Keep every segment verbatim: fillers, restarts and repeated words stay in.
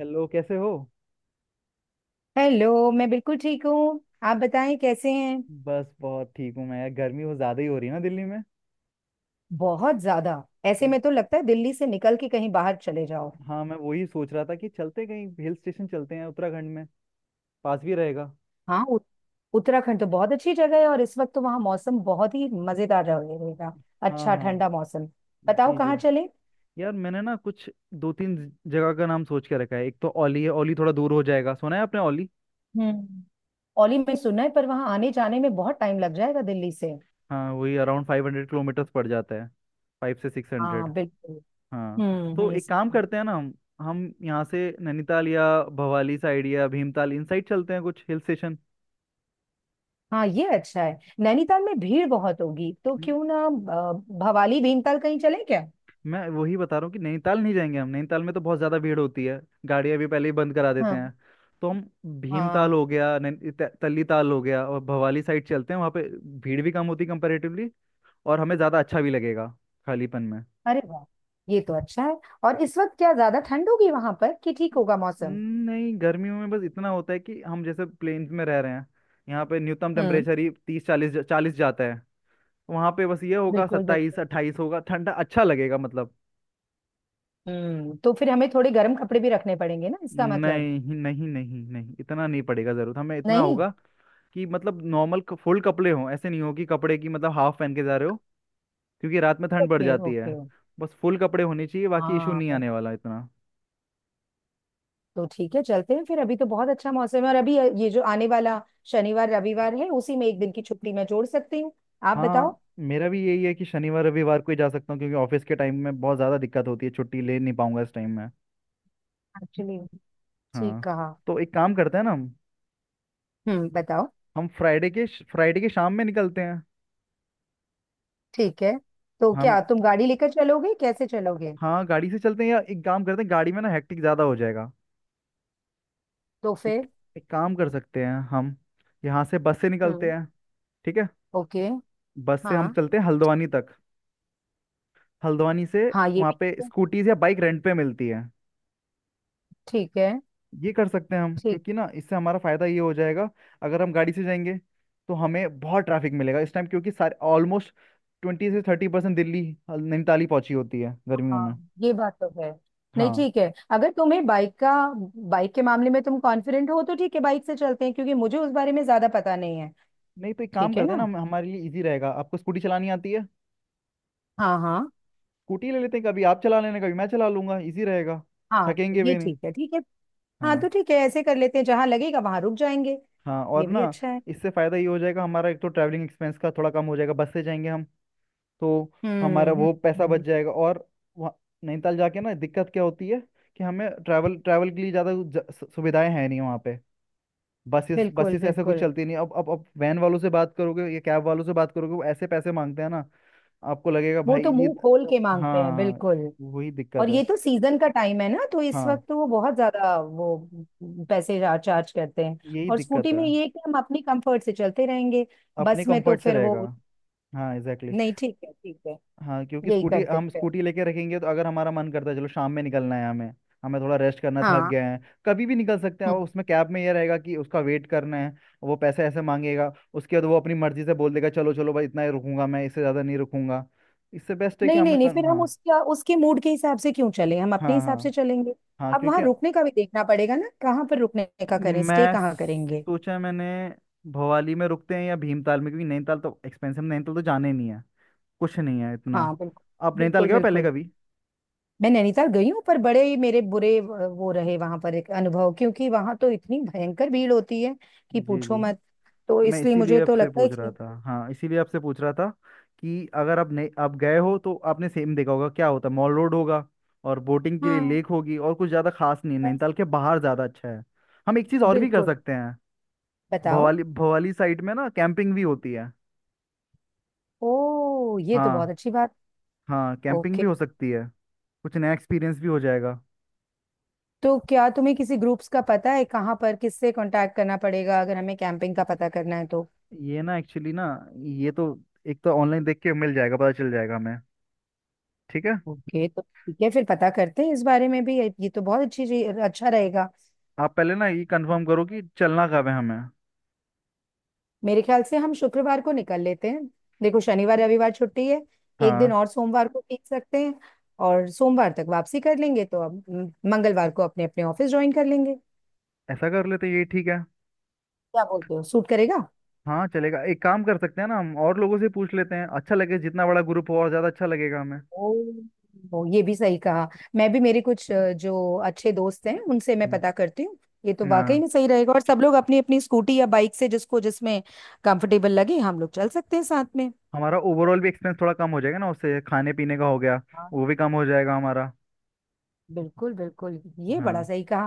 Hello, कैसे हो। Hello, मैं बिल्कुल ठीक हूँ। आप बताएं कैसे हैं। बस, बहुत ठीक हूँ मैं। यार, गर्मी बहुत ज्यादा ही हो रही है ना दिल्ली में। बहुत ज्यादा। ऐसे में हाँ। तो लगता है दिल्ली से निकल के कहीं बाहर चले जाओ। हाँ, मैं वही सोच रहा था कि चलते कहीं हिल स्टेशन, चलते हैं उत्तराखंड में। पास भी रहेगा। हाँ, उ- उत्तराखंड तो बहुत अच्छी जगह है और इस वक्त तो वहाँ मौसम बहुत ही मजेदार रहे- रहेगा। हाँ अच्छा हाँ। ठंडा मौसम। बताओ जी जी। कहाँ चले। यार, मैंने ना कुछ दो तीन ज- जगह का नाम सोच के रखा है। एक तो औली है। औली थोड़ा दूर हो जाएगा। सुना है आपने औली? हम्म। ओली में सुना है पर वहाँ आने जाने में बहुत टाइम लग जाएगा दिल्ली से। हाँ, वही अराउंड फाइव हंड्रेड किलोमीटर्स पड़ जाता है। फाइव से सिक्स हंड्रेड। हाँ, बिल्कुल। हाँ। हम्म, तो हम्म, एक काम सही। करते हैं ना हम। हम यहाँ से नैनीताल या भवाली साइड या भीमताल इन साइड चलते हैं, कुछ हिल स्टेशन। हाँ, ये अच्छा है। नैनीताल में भीड़ बहुत होगी, तो क्यों ना अ, भवाली, भीमताल कहीं चले क्या। मैं वही बता रहा हूँ कि नैनीताल नहीं जाएंगे हम। नैनीताल में तो बहुत ज़्यादा भीड़ होती है, गाड़ियाँ भी पहले ही बंद करा देते हाँ, हैं। तो हम, भीमताल हाँ। हो गया, नैन- त- तल्लीताल हो गया, और भवाली साइड चलते हैं वहाँ पे। भीड़ भी कम होती कंपेरेटिवली, और हमें ज़्यादा अच्छा भी लगेगा, खालीपन में। अरे वाह, ये तो अच्छा है। और इस वक्त क्या ज्यादा ठंड होगी वहां पर कि ठीक होगा मौसम। नहीं, गर्मियों में बस इतना होता है कि हम जैसे प्लेन्स में रह रहे हैं, यहाँ पे न्यूनतम हम्म। टेम्परेचर ही तीस चालीस चालीस जाता है। वहाँ पे बस ये होगा, बिल्कुल, सत्ताईस बिल्कुल। अट्ठाईस होगा, ठंडा अच्छा लगेगा, मतलब। हम्म तो फिर हमें थोड़े गर्म कपड़े भी रखने पड़ेंगे ना, इसका मतलब। नहीं, नहीं, नहीं, नहीं, इतना नहीं पड़ेगा जरूरत। हमें इतना नहीं। होगा कि, मतलब, नॉर्मल फुल कपड़े हों, ऐसे नहीं हो कि कपड़े की, मतलब, हाफ पहन के जा रहे हो, क्योंकि रात में ठंड बढ़ ओके, जाती है। ओके। बस फुल कपड़े होने चाहिए, बाकी इशू हाँ, नहीं पर। आने वाला इतना। तो ठीक है, चलते हैं फिर। अभी तो बहुत अच्छा मौसम है, और अभी ये जो आने वाला शनिवार रविवार है उसी में एक दिन की छुट्टी मैं जोड़ सकती हूँ। आप हाँ। बताओ। मेरा भी यही है कि शनिवार रविवार को ही जा सकता हूँ, क्योंकि ऑफिस के टाइम में बहुत ज़्यादा दिक्कत होती है, छुट्टी ले नहीं पाऊंगा इस टाइम में। एक्चुअली, ठीक हाँ, कहा। तो एक काम करते हैं ना हम। हम्म बताओ। हम फ्राइडे के, फ्राइडे के शाम में निकलते हैं। ठीक है, तो हम, क्या तुम गाड़ी लेकर चलोगे, कैसे चलोगे। हाँ, गाड़ी से चलते हैं, या एक काम करते हैं, गाड़ी में ना हेक्टिक ज़्यादा हो जाएगा। तो एक, फिर। एक काम कर सकते हैं हम, यहाँ से बस से निकलते हम्म। हैं। ठीक है। ओके। बस से हम हाँ, चलते हैं हल्द्वानी तक। हल्द्वानी से, हाँ, ये वहाँ भी पे स्कूटीज या बाइक रेंट पे मिलती है। ठीक है। ये कर सकते हैं हम, ठीक। क्योंकि ना इससे हमारा फायदा ये हो जाएगा। अगर हम गाड़ी से जाएंगे, तो हमें बहुत ट्रैफिक मिलेगा इस टाइम, क्योंकि सारे, ऑलमोस्ट ट्वेंटी से थर्टी परसेंट दिल्ली, हल- नैनीताल ही पहुंची होती है गर्मियों में। हाँ, ये बात तो है। नहीं, हाँ। ठीक है, अगर तुम्हें बाइक का बाइक के मामले में तुम कॉन्फिडेंट हो तो ठीक है, बाइक से चलते हैं, क्योंकि मुझे उस बारे में ज्यादा पता नहीं है। नहीं, तो एक काम ठीक है करते हैं ना, ना। हम- हमारे लिए इजी रहेगा। आपको स्कूटी चलानी आती है? हाँ, हाँ। स्कूटी ले लेते हैं, कभी आप चला लेना, कभी मैं चला लूंगा, इजी रहेगा, हाँ, थकेंगे ये भी नहीं। ठीक है, ठीक है। हाँ, तो हाँ ठीक है, ऐसे कर लेते हैं, जहां लगेगा वहां रुक जाएंगे। हाँ। और ये भी ना, अच्छा है। इससे फ़ायदा ये हो जाएगा हमारा, एक तो ट्रैवलिंग एक्सपेंस का थोड़ा कम हो जाएगा, बस से जाएंगे हम तो, हम्म, हमारा हम्म। वो पैसा बच हम्म। जाएगा। और वहाँ नैनीताल जाके ना दिक्कत क्या होती है कि हमें ट्रैवल ट्रैवल के लिए ज़्यादा ज- सु- सुविधाएं हैं नहीं वहाँ पे। बसेस बिल्कुल, बसेस ऐसा कुछ बिल्कुल। चलती नहीं। अब, अब अब वैन वालों से बात करोगे या कैब वालों से बात करोगे, वो ऐसे पैसे मांगते हैं ना, आपको लगेगा वो भाई तो ये। मुंह खोल के मांगते हैं, हाँ, बिल्कुल। वही और दिक्कत है। ये तो सीजन का टाइम है ना, तो इस हाँ, वक्त तो वो बहुत ज्यादा वो पैसे चार्ज करते हैं। यही और दिक्कत स्कूटी है। में ये है कि हम अपनी कंफर्ट से चलते रहेंगे, अपने बस में तो कंफर्ट से फिर वो। रहेगा। हाँ, एग्जैक्टली। नहीं, ठीक है, ठीक है। हाँ, क्योंकि यही स्कूटी, करते हैं हम फिर। स्कूटी लेके रखेंगे तो अगर हमारा मन करता है, चलो शाम में निकलना है हमें, हमें थोड़ा रेस्ट करना है, थक हाँ। गए हैं, कभी भी निकल सकते हैं। और हम्म। उसमें कैब में ये रहेगा कि उसका वेट करना है, वो पैसे ऐसे मांगेगा, उसके बाद वो अपनी मर्जी से बोल देगा, चलो चलो भाई, इतना ही रुकूंगा मैं, इससे ज़्यादा नहीं रुकूंगा। इससे बेस्ट है कि नहीं, हम नहीं, नहीं, कर। फिर हम हाँ, उसका उसके मूड के हिसाब से क्यों चलें, हम अपने हाँ हाँ हिसाब से चलेंगे। हाँ, अब क्योंकि, वहां रुकने का भी देखना पड़ेगा ना, कहाँ पर रुकने का करें, स्टे मैं कहाँ करेंगे। सोचा, मैंने, भवाली में रुकते हैं या भीमताल में, क्योंकि नैनीताल तो एक्सपेंसिव। नैनीताल तो जाने नहीं है, कुछ नहीं है इतना। हाँ, बिल्कुल, आप नैनीताल बिल्कुल, गए हो पहले बिल्कुल। कभी? मैं नैनीताल गई हूँ, पर बड़े ही मेरे बुरे व- वो रहे वहां पर एक अनुभव, क्योंकि वहां तो इतनी भयंकर भीड़ होती है कि जी पूछो जी। मत। तो मैं इसलिए मुझे इसीलिए तो आपसे लगता है पूछ कि। रहा था, हाँ, इसीलिए आपसे पूछ रहा था कि अगर आप, नहीं, आप गए हो तो आपने सेम देखा होगा क्या होता है। मॉल रोड होगा और बोटिंग के लिए हाँ। लेक होगी, और कुछ ज़्यादा खास नहीं है। बस। नैनीताल के बाहर ज़्यादा अच्छा है। हम एक चीज़ और भी कर बिल्कुल। सकते हैं। बताओ। भवाली, भवाली साइड में ना कैंपिंग भी होती है। ओ, ये तो बहुत हाँ। अच्छी बात। हाँ, कैंपिंग ओके। भी हो सकती है, कुछ नया एक्सपीरियंस भी हो जाएगा। तो क्या तुम्हें किसी ग्रुप्स का पता है, कहाँ पर किससे कांटेक्ट करना पड़ेगा अगर हमें कैंपिंग का पता करना है तो। ये ना, एक्चुअली ना, ये तो, एक तो ऑनलाइन देख के मिल जाएगा, पता चल जाएगा हमें। ठीक है। ओके, तो ठीक है, फिर पता करते हैं इस बारे में भी। ये तो बहुत अच्छी चीज- अच्छा रहेगा। आप पहले ना ये कंफर्म करो कि चलना कब है हमें। मेरे ख्याल से हम शुक्रवार को निकल लेते हैं। देखो, शनिवार रविवार छुट्टी है, एक दिन हाँ, और सोमवार को खींच सकते हैं और सोमवार तक वापसी कर लेंगे, तो अब म, मंगलवार को अपने अपने ऑफिस ज्वाइन कर लेंगे। ऐसा कर लेते हैं, ये ठीक है। क्या बोलते हो, सूट करेगा। हाँ, चलेगा। एक काम कर सकते हैं ना हम, और लोगों से पूछ लेते हैं, अच्छा लगे, जितना बड़ा ग्रुप हो और ज़्यादा अच्छा लगेगा हमें। ओ, ओ, ये भी सही कहा। मैं भी, मेरे कुछ अ, जो अच्छे दोस्त हैं उनसे मैं हम्म, पता करती हूँ। ये तो वाकई हाँ, में सही रहेगा, और सब लोग अपनी अपनी स्कूटी या बाइक से, जिसको जिसमें कंफर्टेबल लगे, हम लोग चल सकते हैं साथ में। हमारा ओवरऑल भी एक्सपेंस थोड़ा कम हो जाएगा ना उससे, खाने पीने का हो गया, हाँ, वो भी कम हो जाएगा हमारा। बिल्कुल, बिल्कुल। ये बड़ा हाँ। सही कहा।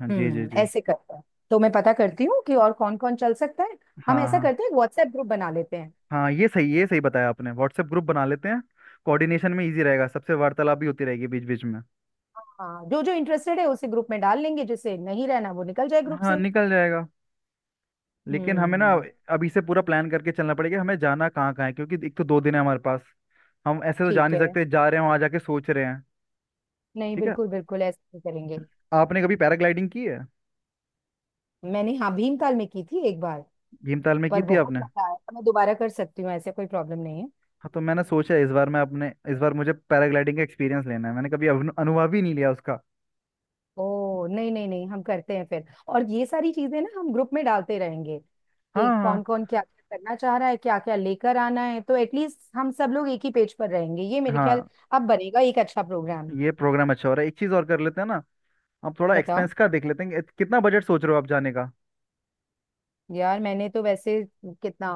हाँ, जी जी हम्म जी। ऐसे करते हैं। तो मैं पता करती हूँ कि और कौन कौन चल सकता है। हम हाँ ऐसा हाँ। करते हैं, व्हाट्सएप ग्रुप बना लेते हैं। हाँ, ये सही, ये सही बताया आपने, व्हाट्सएप ग्रुप बना लेते हैं। कोऑर्डिनेशन में इजी रहेगा, सबसे वार्तालाप भी होती रहेगी बीच बीच में। हाँ, जो जो इंटरेस्टेड है उसे ग्रुप में डाल लेंगे, जिसे नहीं रहना वो निकल जाए ग्रुप हाँ, से। निकल जाएगा। लेकिन हमें ना हम्म। अभी से पूरा प्लान करके चलना पड़ेगा, हमें जाना कहाँ कहाँ है, क्योंकि एक तो दो दिन है हमारे पास। हम ऐसे तो जा ठीक नहीं है। सकते, जा रहे हैं वहाँ जाके सोच रहे हैं। नहीं, ठीक है। बिल्कुल, बिल्कुल ऐसा ही करेंगे। आपने कभी पैराग्लाइडिंग की है? मैंने, हाँ, भीमताल में की थी एक बार। भीमताल में पर की थी बहुत आपने? मजा आया था, मैं दोबारा कर सकती हूँ, ऐसे कोई प्रॉब्लम नहीं है। हाँ, तो मैंने सोचा है इस बार, मैं अपने, इस बार मुझे पैराग्लाइडिंग का एक्सपीरियंस लेना है, मैंने कभी अनु- अनुभव ही नहीं लिया उसका। ओ, नहीं, नहीं, नहीं, हम करते हैं फिर। और ये सारी चीजें ना हम ग्रुप में डालते रहेंगे कि हाँ हाँ। कौन कौन क्या क्या करना चाह रहा है, क्या क्या लेकर आना है, तो एटलीस्ट हम सब लोग एक ही पेज पर रहेंगे, ये मेरे ख्याल। हाँ, अब बनेगा एक अच्छा प्रोग्राम। ये प्रोग्राम अच्छा हो रहा है, एक चीज़ और कर लेते हैं ना। हम थोड़ा बताओ। एक्सपेंस का देख लेते हैं कि- कितना बजट सोच रहे हो आप जाने का। यार, मैंने तो वैसे, कितना,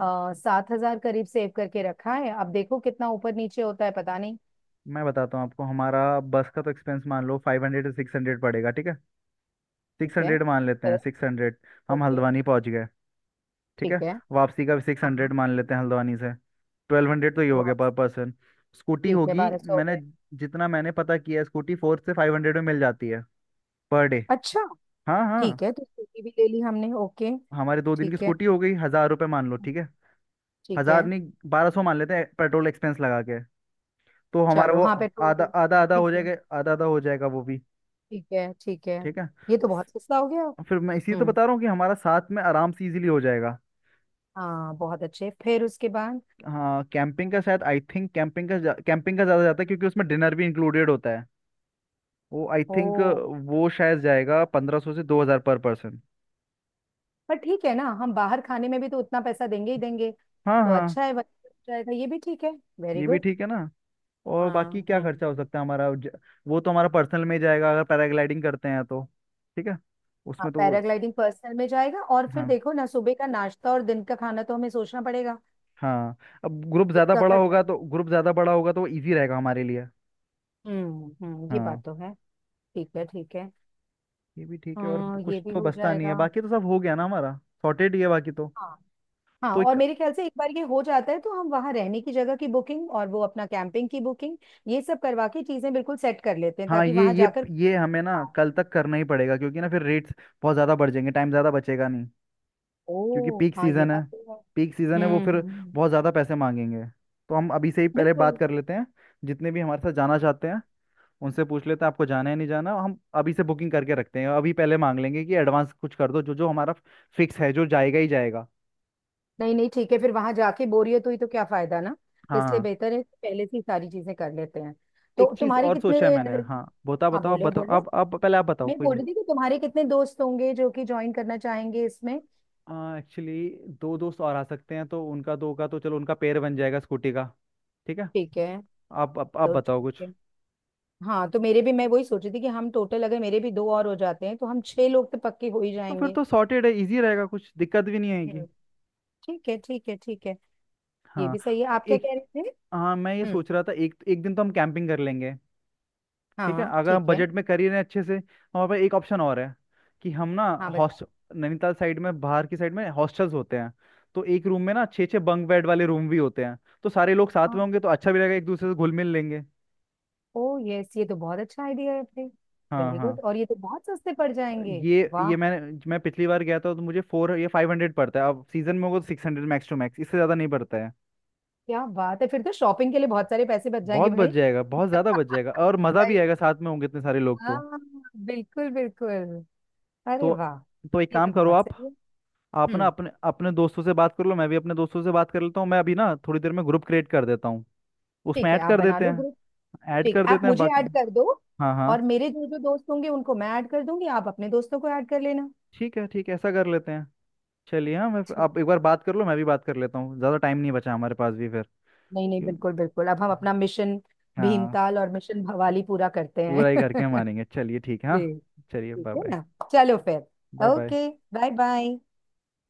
आ, सात हजार करीब सेव करके रखा है, अब देखो कितना ऊपर नीचे होता है पता नहीं। मैं बताता हूँ आपको, हमारा बस का तो एक्सपेंस मान लो फाइव हंड्रेड से सिक्स हंड्रेड पड़ेगा, ठीक है? ठीक सिक्स है हंड्रेड मान लेते हैं, फिर। Six hundred. हम ओके। हल्द्वानी पहुँच गए। ठीक ठीक है। है। वापसी का भी सिक्स हंड्रेड हाँ। मान लेते हैं हल्द्वानी से। ट्वेल्व हंड्रेड तो ये हो गया पर वापस। पर्सन। स्कूटी ठीक है, होगी। बारह सौ हो मैंने, गए। जितना मैंने पता किया है, स्कूटी फोर से फाइव हंड्रेड में मिल जाती है पर डे। अच्छा। हाँ हाँ। ठीक है, तो स्कूटी भी ले ली हमने, ओके। हमारे दो दिन की ठीक है, स्कूटी हो गई, हजार रुपये मान लो, ठीक है। ठीक है। हजार नहीं, बारह सौ मान लेते हैं, पेट्रोल एक्सपेंस लगा के। तो हमारा चलो, वो हाँ, पेट्रोल आधा भी। आधा हाँ, आधा ठीक हो है। जाएगा, आधा आधा हो जाएगा वो भी। ठीक है, ठीक है। ठीक है। ये तो बहुत स- सस्ता हो गया। फिर मैं इसी तो हम्म। बता रहा हूँ कि हमारा साथ में आराम से इजीली हो जाएगा। हाँ, बहुत अच्छे, फिर उसके बाद। हाँ, कैंपिंग का शायद, आई थिंक कैंपिंग का जा, कैंपिंग का ज़्यादा जाता है, क्योंकि उसमें डिनर भी इंक्लूडेड होता है, वो आई ओ। थिंक। वो शायद जाएगा पंद्रह सौ से दो हज़ार पर पर्सन। पर ठीक है ना, हम बाहर खाने में भी तो उतना पैसा देंगे ही देंगे। हाँ तो हाँ। अच्छा है, बच जाएगा, ये भी ठीक है। वेरी ये भी गुड। ठीक है ना? और बाकी हाँ। क्या हम्म। खर्चा हो सकता है हमारा, ज- वो तो हमारा पर्सनल में ही जाएगा, अगर पैराग्लाइडिंग करते हैं तो। ठीक है। हाँ, उसमें तो वो। पैराग्लाइडिंग पर्सनल में जाएगा और फिर हाँ देखो ना, सुबह का नाश्ता और दिन का खाना तो हमें सोचना पड़ेगा। हाँ। अब ग्रुप ज़्यादा उसका बड़ा खर्चा। होगा तो, ग्रुप ज़्यादा बड़ा होगा तो इजी रहेगा हमारे लिए। हम्म, हम्म, ये हाँ, बात तो है। ठीक है, ठीक है। ये भी ठीक है, और हाँ, ये कुछ भी तो हो बचता नहीं है जाएगा। बाकी, तो सब हो गया ना हमारा। सॉर्टेड ही है बाकी तो। हाँ। हाँ तो और एक, मेरे ख्याल से एक बार ये हो जाता है तो हम वहां रहने की जगह की बुकिंग और वो अपना कैंपिंग की बुकिंग ये सब करवा के चीजें बिल्कुल सेट कर लेते हैं, हाँ, ताकि ये वहां ये जाकर ना ये हमें ना हो। कल तक करना ही पड़ेगा, क्योंकि ना फिर रेट्स बहुत ज़्यादा बढ़ जाएंगे, टाइम ज़्यादा बचेगा नहीं, क्योंकि ओ पीक हाँ, ये सीज़न है। बात तो है। पीक सीज़न है, वो फिर हम्म, हम्म। बहुत ज़्यादा पैसे मांगेंगे। तो हम अभी से ही पहले बिल्कुल। बात कर लेते हैं, जितने भी हमारे साथ जाना चाहते हैं, उनसे पूछ लेते हैं, आपको जाना है, नहीं जाना। हम अभी से बुकिंग करके रखते हैं, अभी पहले मांग लेंगे कि एडवांस कुछ कर दो, जो जो हमारा फिक्स है, जो जाएगा ही जाएगा। नहीं, नहीं, ठीक है, फिर वहां जाके बोरियत हुई तो क्या फायदा ना। हाँ इसलिए हाँ। बेहतर है कि पहले से ही सारी चीजें कर लेते हैं। एक तो चीज तुम्हारे और कितने। सोचा है मैंने, हाँ, बताओ हाँ, बताओ, आप बोलो, बताओ, बोलो। आप आप पहले, आप बताओ, मैं कोई बोल नहीं। रही थी कि तुम्हारे कितने दोस्त होंगे जो कि ज्वाइन करना चाहेंगे इसमें। एक्चुअली दो दोस्त और आ सकते हैं, तो उनका, दो का तो चलो उनका पेयर बन जाएगा स्कूटी का। ठीक है। ठीक है। आप आप, आप तो बताओ ठीक कुछ। है। हाँ, तो मेरे भी, मैं वही सोच रही थी कि हम टोटल, अगर मेरे भी दो और हो जाते हैं तो हम छह लोग तो पक्के हो ही तो फिर जाएंगे। तो सॉर्टेड है, इजी रहेगा, कुछ दिक्कत भी नहीं आएगी। हम्म। ठीक है, ठीक है, ठीक है। ये हाँ। भी सही है, और आप क्या एक, कह रहे थे। हाँ, मैं ये हम्म। सोच रहा था, एक एक दिन तो हम कैंपिंग कर लेंगे। ठीक है, हाँ, अगर हम ठीक है। बजट में करिए ना अच्छे से, हमारे पास एक ऑप्शन और है कि हम ना, हाँ, बताओ। हॉस्ट, नैनीताल साइड में, बाहर की साइड में हॉस्टल्स होते हैं, तो एक रूम में ना छः छः बंक बेड वाले रूम भी होते हैं। तो सारे लोग साथ में हाँ। होंगे तो अच्छा भी लगेगा, एक दूसरे से घुल मिल लेंगे। ओ यस, ये तो बहुत अच्छा आइडिया है भाई। हाँ वेरी हाँ। गुड, और ये तो बहुत सस्ते पड़ जाएंगे। ये वाह, ये मैंने मैं पिछली बार गया था तो मुझे फोर, ये, फाइव हंड्रेड पड़ता है। अब सीजन में होगा तो six hundred, max to max, इससे ज़्यादा नहीं पड़ता है। क्या बात है, फिर तो शॉपिंग के लिए बहुत सारे पैसे बच जाएंगे बहुत बच भाई। जाएगा, बहुत ज़्यादा बच जाएगा, और मज़ा भी सही। आएगा, साथ में होंगे इतने सारे लोग तो। हाँ। बिल्कुल, बिल्कुल। अरे तो वाह, तो एक ये तो काम करो बहुत आप। सही है। आप ना हम्म। अपने अपने दोस्तों से बात कर लो, मैं भी अपने दोस्तों से बात कर लेता हूँ। मैं अभी ना थोड़ी देर में ग्रुप क्रिएट कर देता हूँ, उसमें ठीक है, ऐड आप कर बना देते लो हैं। ग्रुप। ऐड ठीक कर है, आप देते हैं मुझे बाकी। ऐड कर दो, हाँ हाँ। और मेरे जो जो दोस्त होंगे उनको मैं ऐड कर दूंगी, आप अपने दोस्तों को ऐड कर लेना। ठीक है, ठीक है, ऐसा कर लेते हैं। चलिए, हाँ, मैं, ठीक। आप एक बार बात कर लो, मैं भी बात कर लेता हूँ, ज़्यादा टाइम नहीं बचा हमारे पास भी फिर। नहीं, नहीं, क्यों- बिल्कुल, बिल्कुल, अब हम अपना मिशन हाँ, भीमताल और मिशन भवाली पूरा करते हैं। पूरा ही करके मारेंगे, चलिए ठीक है, हाँ। जी। चलिए, ठीक बाय है बाय। ना। चलो फिर। Bye bye. Okay. Bye bye.